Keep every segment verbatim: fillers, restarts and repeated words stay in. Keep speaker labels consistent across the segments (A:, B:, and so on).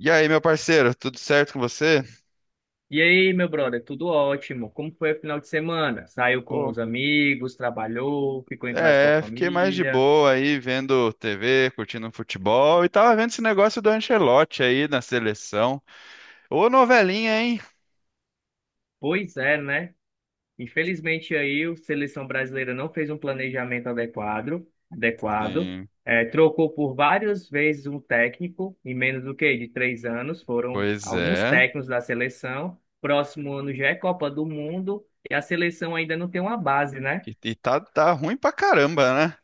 A: E aí, meu parceiro, tudo certo com você?
B: E aí, meu brother, tudo ótimo? Como foi o final de semana? Saiu com
A: Pô,
B: os amigos, trabalhou, ficou em casa com a
A: é, é, fiquei mais de
B: família?
A: boa aí vendo T V, curtindo futebol e tava vendo esse negócio do Ancelotti aí na seleção. Ô, novelinha, hein?
B: Pois é, né? Infelizmente aí o Seleção Brasileira não fez um planejamento adequado, adequado.
A: Sim,
B: É, trocou por várias vezes um técnico, em menos do que de três anos, foram
A: pois
B: alguns
A: é.
B: técnicos da seleção. Próximo ano já é Copa do Mundo e a seleção ainda não tem uma base, né?
A: E, e tá, tá ruim pra caramba, né?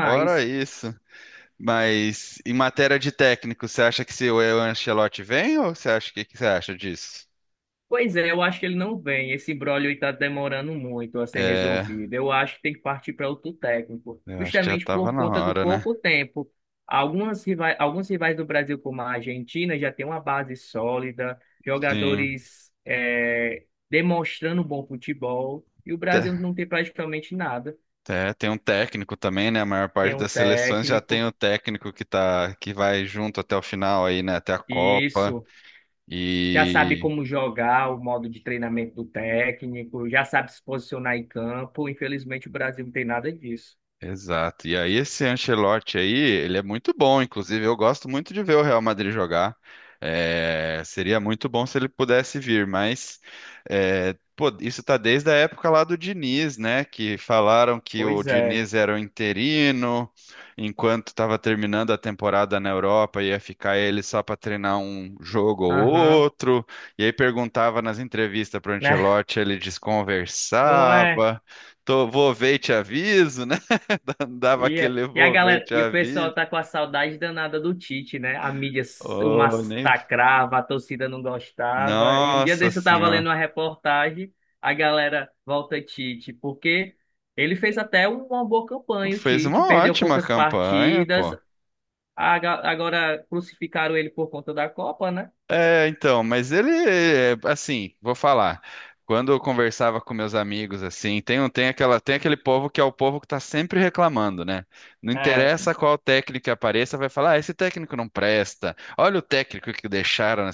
A: Fora isso. Mas em matéria de técnico, você acha que se o Ancelotti vem ou você acha que, que você acha disso?
B: Pois é, eu acho que ele não vem. Esse imbróglio está demorando muito a ser
A: É,
B: resolvido. Eu acho que tem que partir para outro técnico,
A: eu acho que já
B: justamente
A: tava
B: por
A: na
B: conta do
A: hora, né?
B: pouco tempo. Algumas rivais, alguns rivais do Brasil, como a Argentina, já tem uma base sólida,
A: Sim.
B: jogadores eh, demonstrando bom futebol, e o Brasil não tem praticamente nada.
A: É, tem um técnico também, né? A maior
B: Tem
A: parte
B: um
A: das seleções já tem
B: técnico,
A: o técnico que tá, que vai junto até o final aí, né? Até a
B: e
A: Copa.
B: isso. Já sabe
A: E
B: como jogar, o modo de treinamento do técnico, já sabe se posicionar em campo. Infelizmente, o Brasil não tem nada disso.
A: Exato. E aí esse Ancelotti aí, ele é muito bom, inclusive eu gosto muito de ver o Real Madrid jogar. É, seria muito bom se ele pudesse vir, mas é, pô, isso tá desde a época lá do Diniz, né? Que falaram que o
B: Pois é.
A: Diniz era o interino, enquanto estava terminando a temporada na Europa, ia ficar ele só para treinar um jogo ou
B: Aham.
A: outro. E aí perguntava nas entrevistas para o
B: Né?
A: Ancelotti, ele
B: Não é?
A: desconversava. Tô, vou ver e te aviso, né? Dava
B: E, é-
A: aquele
B: e a galera,
A: envolvente
B: e
A: à
B: o pessoal
A: vista.
B: tá com a saudade danada do Tite, né? A mídia s- o
A: Oh. nem...
B: massacrava, a torcida não gostava. E um dia
A: Nossa
B: desse eu tava
A: senhora.
B: lendo uma reportagem, a galera volta Tite, porque ele fez até uma boa campanha, o
A: Fez
B: Tite,
A: uma
B: perdeu
A: ótima
B: poucas
A: campanha,
B: partidas,
A: pô.
B: a ga- agora crucificaram ele por conta da Copa, né?
A: É, então, mas ele, é, assim, vou falar. Quando eu conversava com meus amigos, assim, tem, um- tem aquela, tem aquele povo que é o povo que tá sempre reclamando, né? Não
B: É,
A: interessa qual técnico que apareça, vai falar, ah, esse técnico não presta. Olha o técnico que deixaram na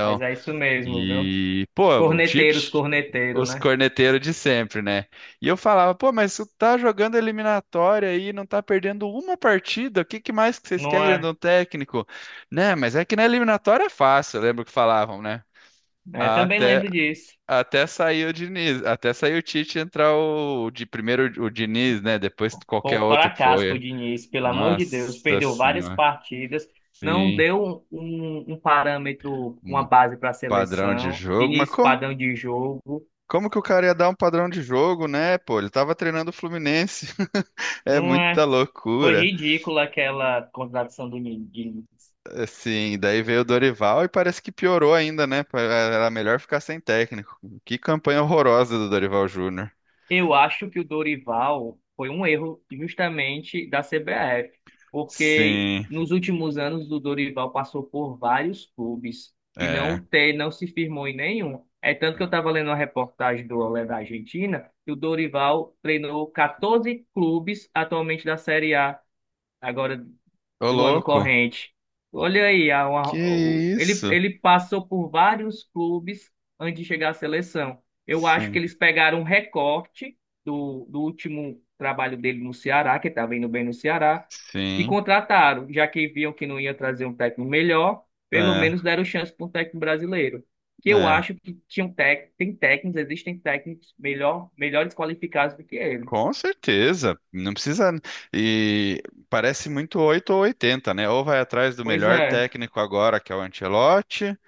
B: mas é isso mesmo, viu?
A: E, pô, o
B: Corneteiros,
A: Tite,
B: corneteiro,
A: os
B: né?
A: corneteiros de sempre, né? E eu falava, pô, mas tu tá jogando eliminatória aí, não tá perdendo uma partida, o que que mais que vocês
B: Não
A: querem de
B: é?
A: um técnico? Né, mas é que na eliminatória é fácil, eu lembro que falavam, né?
B: É, também
A: Até,
B: lembro disso.
A: até sair o Diniz, até sair o Tite e entrar o, de primeiro o Diniz, né? Depois
B: Foi
A: qualquer
B: um
A: outro que
B: fracasso o
A: foi.
B: Diniz, pelo amor de Deus.
A: Nossa
B: Perdeu várias
A: senhora,
B: partidas, não
A: sim,
B: deu um, um um parâmetro, uma
A: um
B: base para a
A: padrão de
B: seleção.
A: jogo, mas
B: Diniz,
A: como
B: padrão de jogo.
A: Como que o cara ia dar um padrão de jogo, né? Pô, ele tava treinando o Fluminense. É
B: Não
A: muita
B: é? Foi
A: loucura.
B: ridícula aquela contratação do Diniz.
A: Assim, daí veio o Dorival e parece que piorou ainda, né? Pa- Era melhor ficar sem técnico. Que campanha horrorosa do Dorival Júnior.
B: Eu acho que o Dorival foi um erro justamente da C B F, porque
A: Sim,
B: nos últimos anos o Dorival passou por vários clubes e
A: é.
B: não ter, não se firmou em nenhum. É tanto que eu estava lendo uma reportagem do Olé da Argentina, que o Dorival treinou quatorze clubes atualmente da Série A, agora
A: Ô,
B: do ano
A: louco.
B: corrente. Olha aí, a- uma-
A: Que
B: o- ele,
A: isso?
B: ele passou por vários clubes antes de chegar à seleção. Eu acho que
A: Sim,
B: eles pegaram um recorte do, do último trabalho dele no Ceará, que estava indo bem no Ceará, e
A: sim.
B: contrataram, já que viam que não ia trazer um técnico melhor, pelo
A: É,
B: menos deram chance para um técnico brasileiro. Que eu
A: é.
B: acho que tinham tec, tem técnicos, existem técnicos melhor, melhores qualificados do que ele.
A: Com certeza. Não precisa. E parece muito oito ou oitenta, né? Ou vai atrás do
B: Pois
A: melhor
B: é,
A: técnico agora, que é o Ancelotti.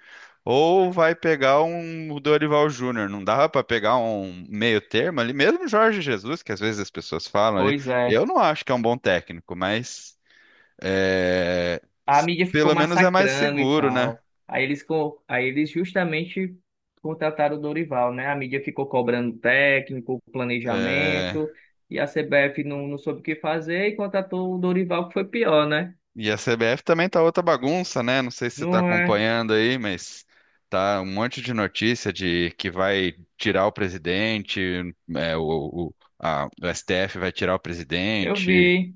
A: Ou vai pegar um Dorival Júnior. Não dava para pegar um meio termo ali, mesmo Jorge Jesus, que às vezes as pessoas falam ali.
B: pois é.
A: Eu não acho que é um bom técnico, mas é,
B: A
A: s-
B: mídia ficou
A: pelo menos é mais
B: massacrando e
A: seguro, né?
B: tal. Aí eles, co- aí eles justamente contrataram o Dorival, né? A mídia ficou cobrando técnico,
A: É,
B: planejamento, e a C B F não, não soube o que fazer e contratou o Dorival, que foi pior, né?
A: e a C B F também tá outra bagunça, né? Não sei se você tá
B: Não é?
A: acompanhando aí, mas tá um monte de notícia de que vai tirar o presidente, é, o, o, a- o S T F vai tirar o
B: Eu
A: presidente.
B: vi.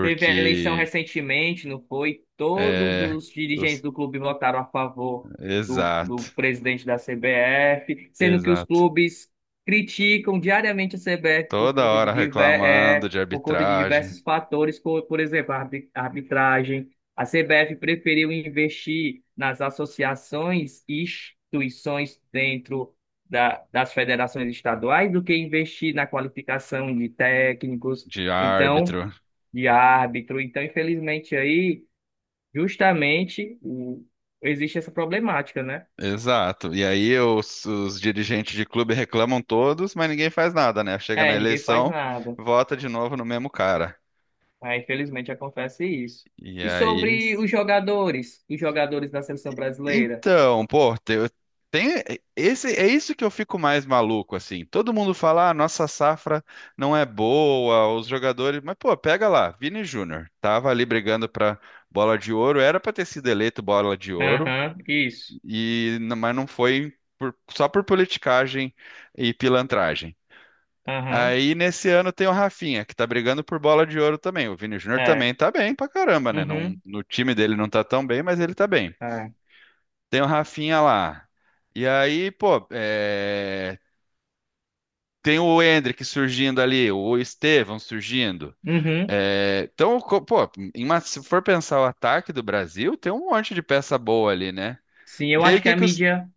B: Teve a eleição recentemente, não foi? Todos
A: é,
B: os dirigentes
A: os-
B: do clube votaram a favor do, do
A: Exato,
B: presidente da C B F, sendo que os
A: exato.
B: clubes criticam diariamente a C B F por
A: Toda
B: conta de,
A: hora
B: diver,
A: reclamando
B: é,
A: de
B: por conta de
A: arbitragem,
B: diversos fatores, como, por exemplo, a arbi- a arbitragem. A C B F preferiu investir nas associações e instituições dentro da, das federações estaduais do que investir na qualificação de técnicos.
A: de
B: Então
A: árbitro.
B: de árbitro. Então, infelizmente, aí, justamente, o- existe essa problemática, né?
A: Exato. E aí os, os dirigentes de clube reclamam todos, mas ninguém faz nada, né? Chega na
B: É, ninguém faz
A: eleição,
B: nada.
A: vota de novo no mesmo cara.
B: Aí, infelizmente, acontece isso.
A: E
B: E
A: aí,
B: sobre os jogadores, os jogadores da seleção brasileira?
A: Então, pô, te- eu tem esse é isso que eu fico mais maluco assim. Todo mundo fala, ah, nossa safra não é boa, os jogadores, mas pô, pega lá, Vini Júnior tava ali brigando pra bola de ouro, era pra ter sido eleito bola de ouro
B: Aham, isso.
A: e n- mas não foi por- só por politicagem e pilantragem.
B: Aham,
A: Aí nesse ano tem o Rafinha, que tá brigando por bola de ouro também. O Vini Júnior
B: é.
A: também tá bem pra caramba, né? Não,
B: Uhum,
A: no time dele não tá tão bem, mas ele tá bem.
B: é.
A: Tem o Rafinha lá. E aí, pô, é, tem o Endrick surgindo ali, o Estevão surgindo.
B: Uhum.
A: É, então, co- pô, em uma- se for pensar o ataque do Brasil, tem um monte de peça boa ali, né?
B: Sim, eu
A: E aí, o
B: acho que
A: que
B: a
A: que os.
B: mídia.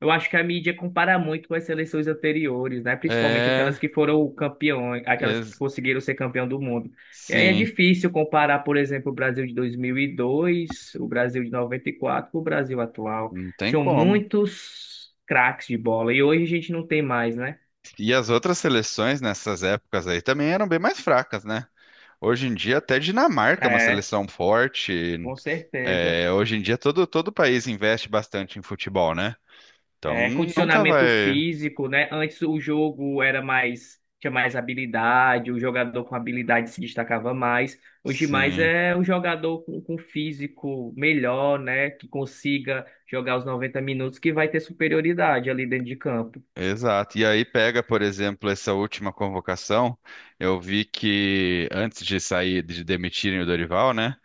B: Eu acho que a mídia compara muito com as seleções anteriores, né? Principalmente
A: É,
B: aquelas que foram campeões, aquelas que
A: ex-
B: conseguiram ser campeão do mundo. E aí é
A: sim,
B: difícil comparar, por exemplo, o Brasil de dois mil e dois, o Brasil de noventa e quatro com o Brasil atual.
A: não tem
B: Tinham
A: como.
B: muitos craques de bola e hoje a gente não tem mais, né?
A: E as outras seleções nessas épocas aí também eram bem mais fracas, né? Hoje em dia, até Dinamarca é uma
B: É,
A: seleção forte.
B: com certeza.
A: É, hoje em dia, todo, todo país investe bastante em futebol, né? Então
B: É,
A: nunca
B: condicionamento
A: vai.
B: físico, né? Antes o jogo era mais, tinha mais habilidade, o jogador com habilidade se destacava mais. Hoje mais
A: Sim,
B: é o jogador com, com físico melhor, né? Que consiga jogar os noventa minutos, que vai ter superioridade ali dentro de campo.
A: exato. E aí pega, por exemplo, essa última convocação. Eu vi que antes de sair, de demitirem o Dorival, né?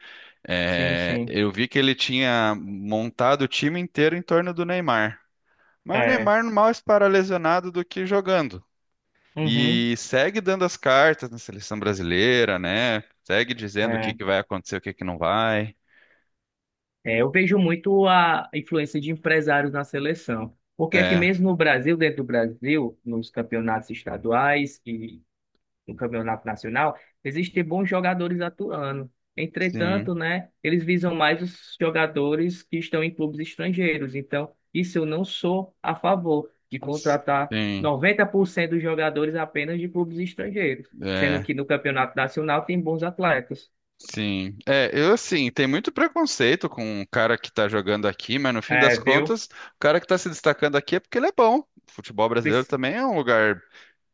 B: Sim,
A: é,
B: sim.
A: Eu vi que ele tinha montado o time inteiro em torno do Neymar. Mas o
B: É.
A: Neymar mal para lesionado do que jogando.
B: Uhum.
A: E segue dando as cartas na seleção brasileira, né? Segue dizendo o que que
B: É.
A: vai acontecer, o que que não vai.
B: É, eu vejo muito a influência de empresários na seleção. Porque aqui
A: É,
B: mesmo no Brasil, dentro do Brasil, nos campeonatos estaduais e no Campeonato Nacional, existem bons jogadores atuando.
A: sim,
B: Entretanto, né, eles visam mais os jogadores que estão em clubes estrangeiros. Então, isso eu não sou a favor de contratar
A: sim.
B: noventa por cento dos jogadores apenas de clubes estrangeiros, sendo
A: É.
B: que no Campeonato Nacional tem bons atletas.
A: Sim. É, eu assim, tem muito preconceito com o cara que tá jogando aqui, mas no fim das
B: É, viu?
A: contas, o cara que tá se destacando aqui é porque ele é bom. O futebol brasileiro
B: Pris-
A: também é um lugar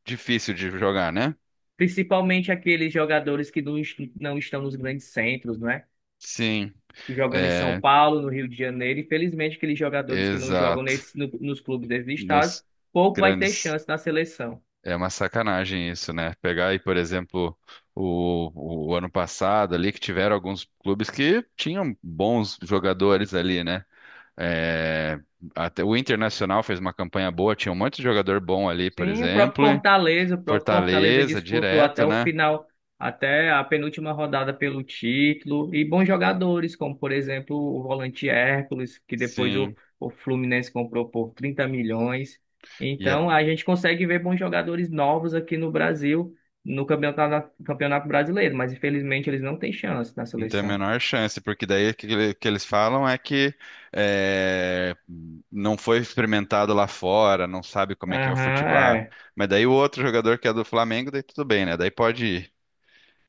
A: difícil de jogar, né?
B: Principalmente aqueles jogadores que não, est- não estão nos grandes centros, né?
A: Sim,
B: Jogando em São
A: é,
B: Paulo, no Rio de Janeiro. Infelizmente, aqueles jogadores que não jogam
A: exato.
B: nesse, no- nos clubes desses estados,
A: Nos
B: pouco vai ter
A: grandes.
B: chance na seleção.
A: É uma sacanagem isso, né? Pegar aí, por exemplo, o, o ano passado ali, que tiveram alguns clubes que tinham bons jogadores ali, né? É, até o Internacional fez uma campanha boa, tinha um monte de jogador bom ali, por
B: Sim, o próprio
A: exemplo. E
B: Fortaleza, o próprio Fortaleza
A: Fortaleza,
B: disputou até
A: direto,
B: o
A: né?
B: final, até a penúltima rodada pelo título, e bons jogadores, como por exemplo o volante Hércules, que depois o,
A: Sim.
B: o Fluminense comprou por 30 milhões.
A: E
B: Então
A: é-
B: a gente consegue ver bons jogadores novos aqui no Brasil, no Campeonato, Campeonato Brasileiro, mas infelizmente eles não têm chance na
A: não tem a
B: seleção.
A: menor chance, porque daí o que, ele- que eles falam é que é, não foi experimentado lá fora, não sabe como é que é o
B: Aham,
A: futebol. Ah,
B: é.
A: mas daí o outro jogador que é do Flamengo, daí tudo bem, né? Daí pode ir.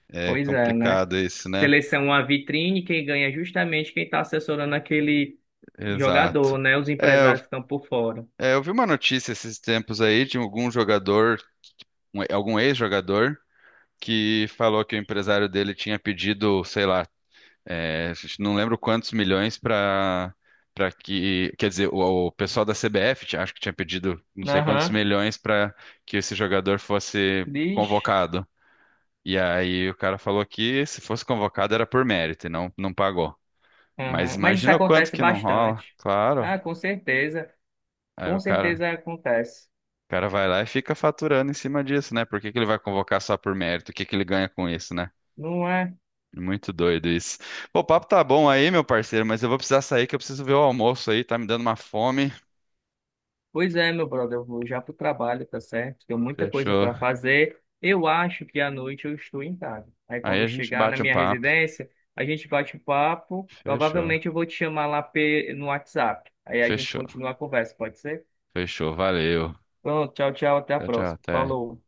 A: É
B: Pois é, né?
A: complicado isso, né?
B: Seleção é uma vitrine, quem ganha é justamente quem está assessorando aquele
A: Exato.
B: jogador, né? Os
A: É, eu,
B: empresários ficam por fora.
A: é, eu vi uma notícia esses tempos aí de algum jogador, um- algum ex-jogador. Que falou que o empresário dele tinha pedido, sei lá, é, não lembro quantos milhões para para que, quer dizer, o, o pessoal da C B F tinha- acho que tinha pedido não sei quantos
B: Aham,
A: milhões para que esse jogador fosse
B: diz.
A: convocado. E aí o cara falou que se fosse convocado era por mérito e não não pagou. Mas
B: Aham. Mas isso
A: imagina o quanto
B: acontece
A: que não rola,
B: bastante.
A: claro.
B: Ah, com certeza.
A: Aí
B: Com
A: o cara, o
B: certeza acontece.
A: cara vai lá e fica faturando em cima disso, né? Por que que ele vai convocar só por mérito? O que que ele ganha com isso, né?
B: Não é?
A: Muito doido isso. Pô, o papo tá bom aí, meu parceiro, mas eu vou precisar sair que eu preciso ver o almoço aí, tá me dando uma fome.
B: Pois é, meu brother, eu vou já pro trabalho, tá certo? Tenho muita coisa
A: Fechou.
B: para fazer. Eu acho que à noite eu estou em casa. Aí
A: Aí
B: quando eu
A: a gente
B: chegar na
A: bate um
B: minha
A: papo.
B: residência, a gente bate um papo.
A: Fechou.
B: Provavelmente eu vou te chamar lá pe- no WhatsApp. Aí a gente
A: Fechou.
B: continua a conversa, pode ser?
A: Fechou. Valeu.
B: Pronto, tchau, tchau, até a
A: Tchau, tchau.
B: próxima.
A: Até.
B: Falou.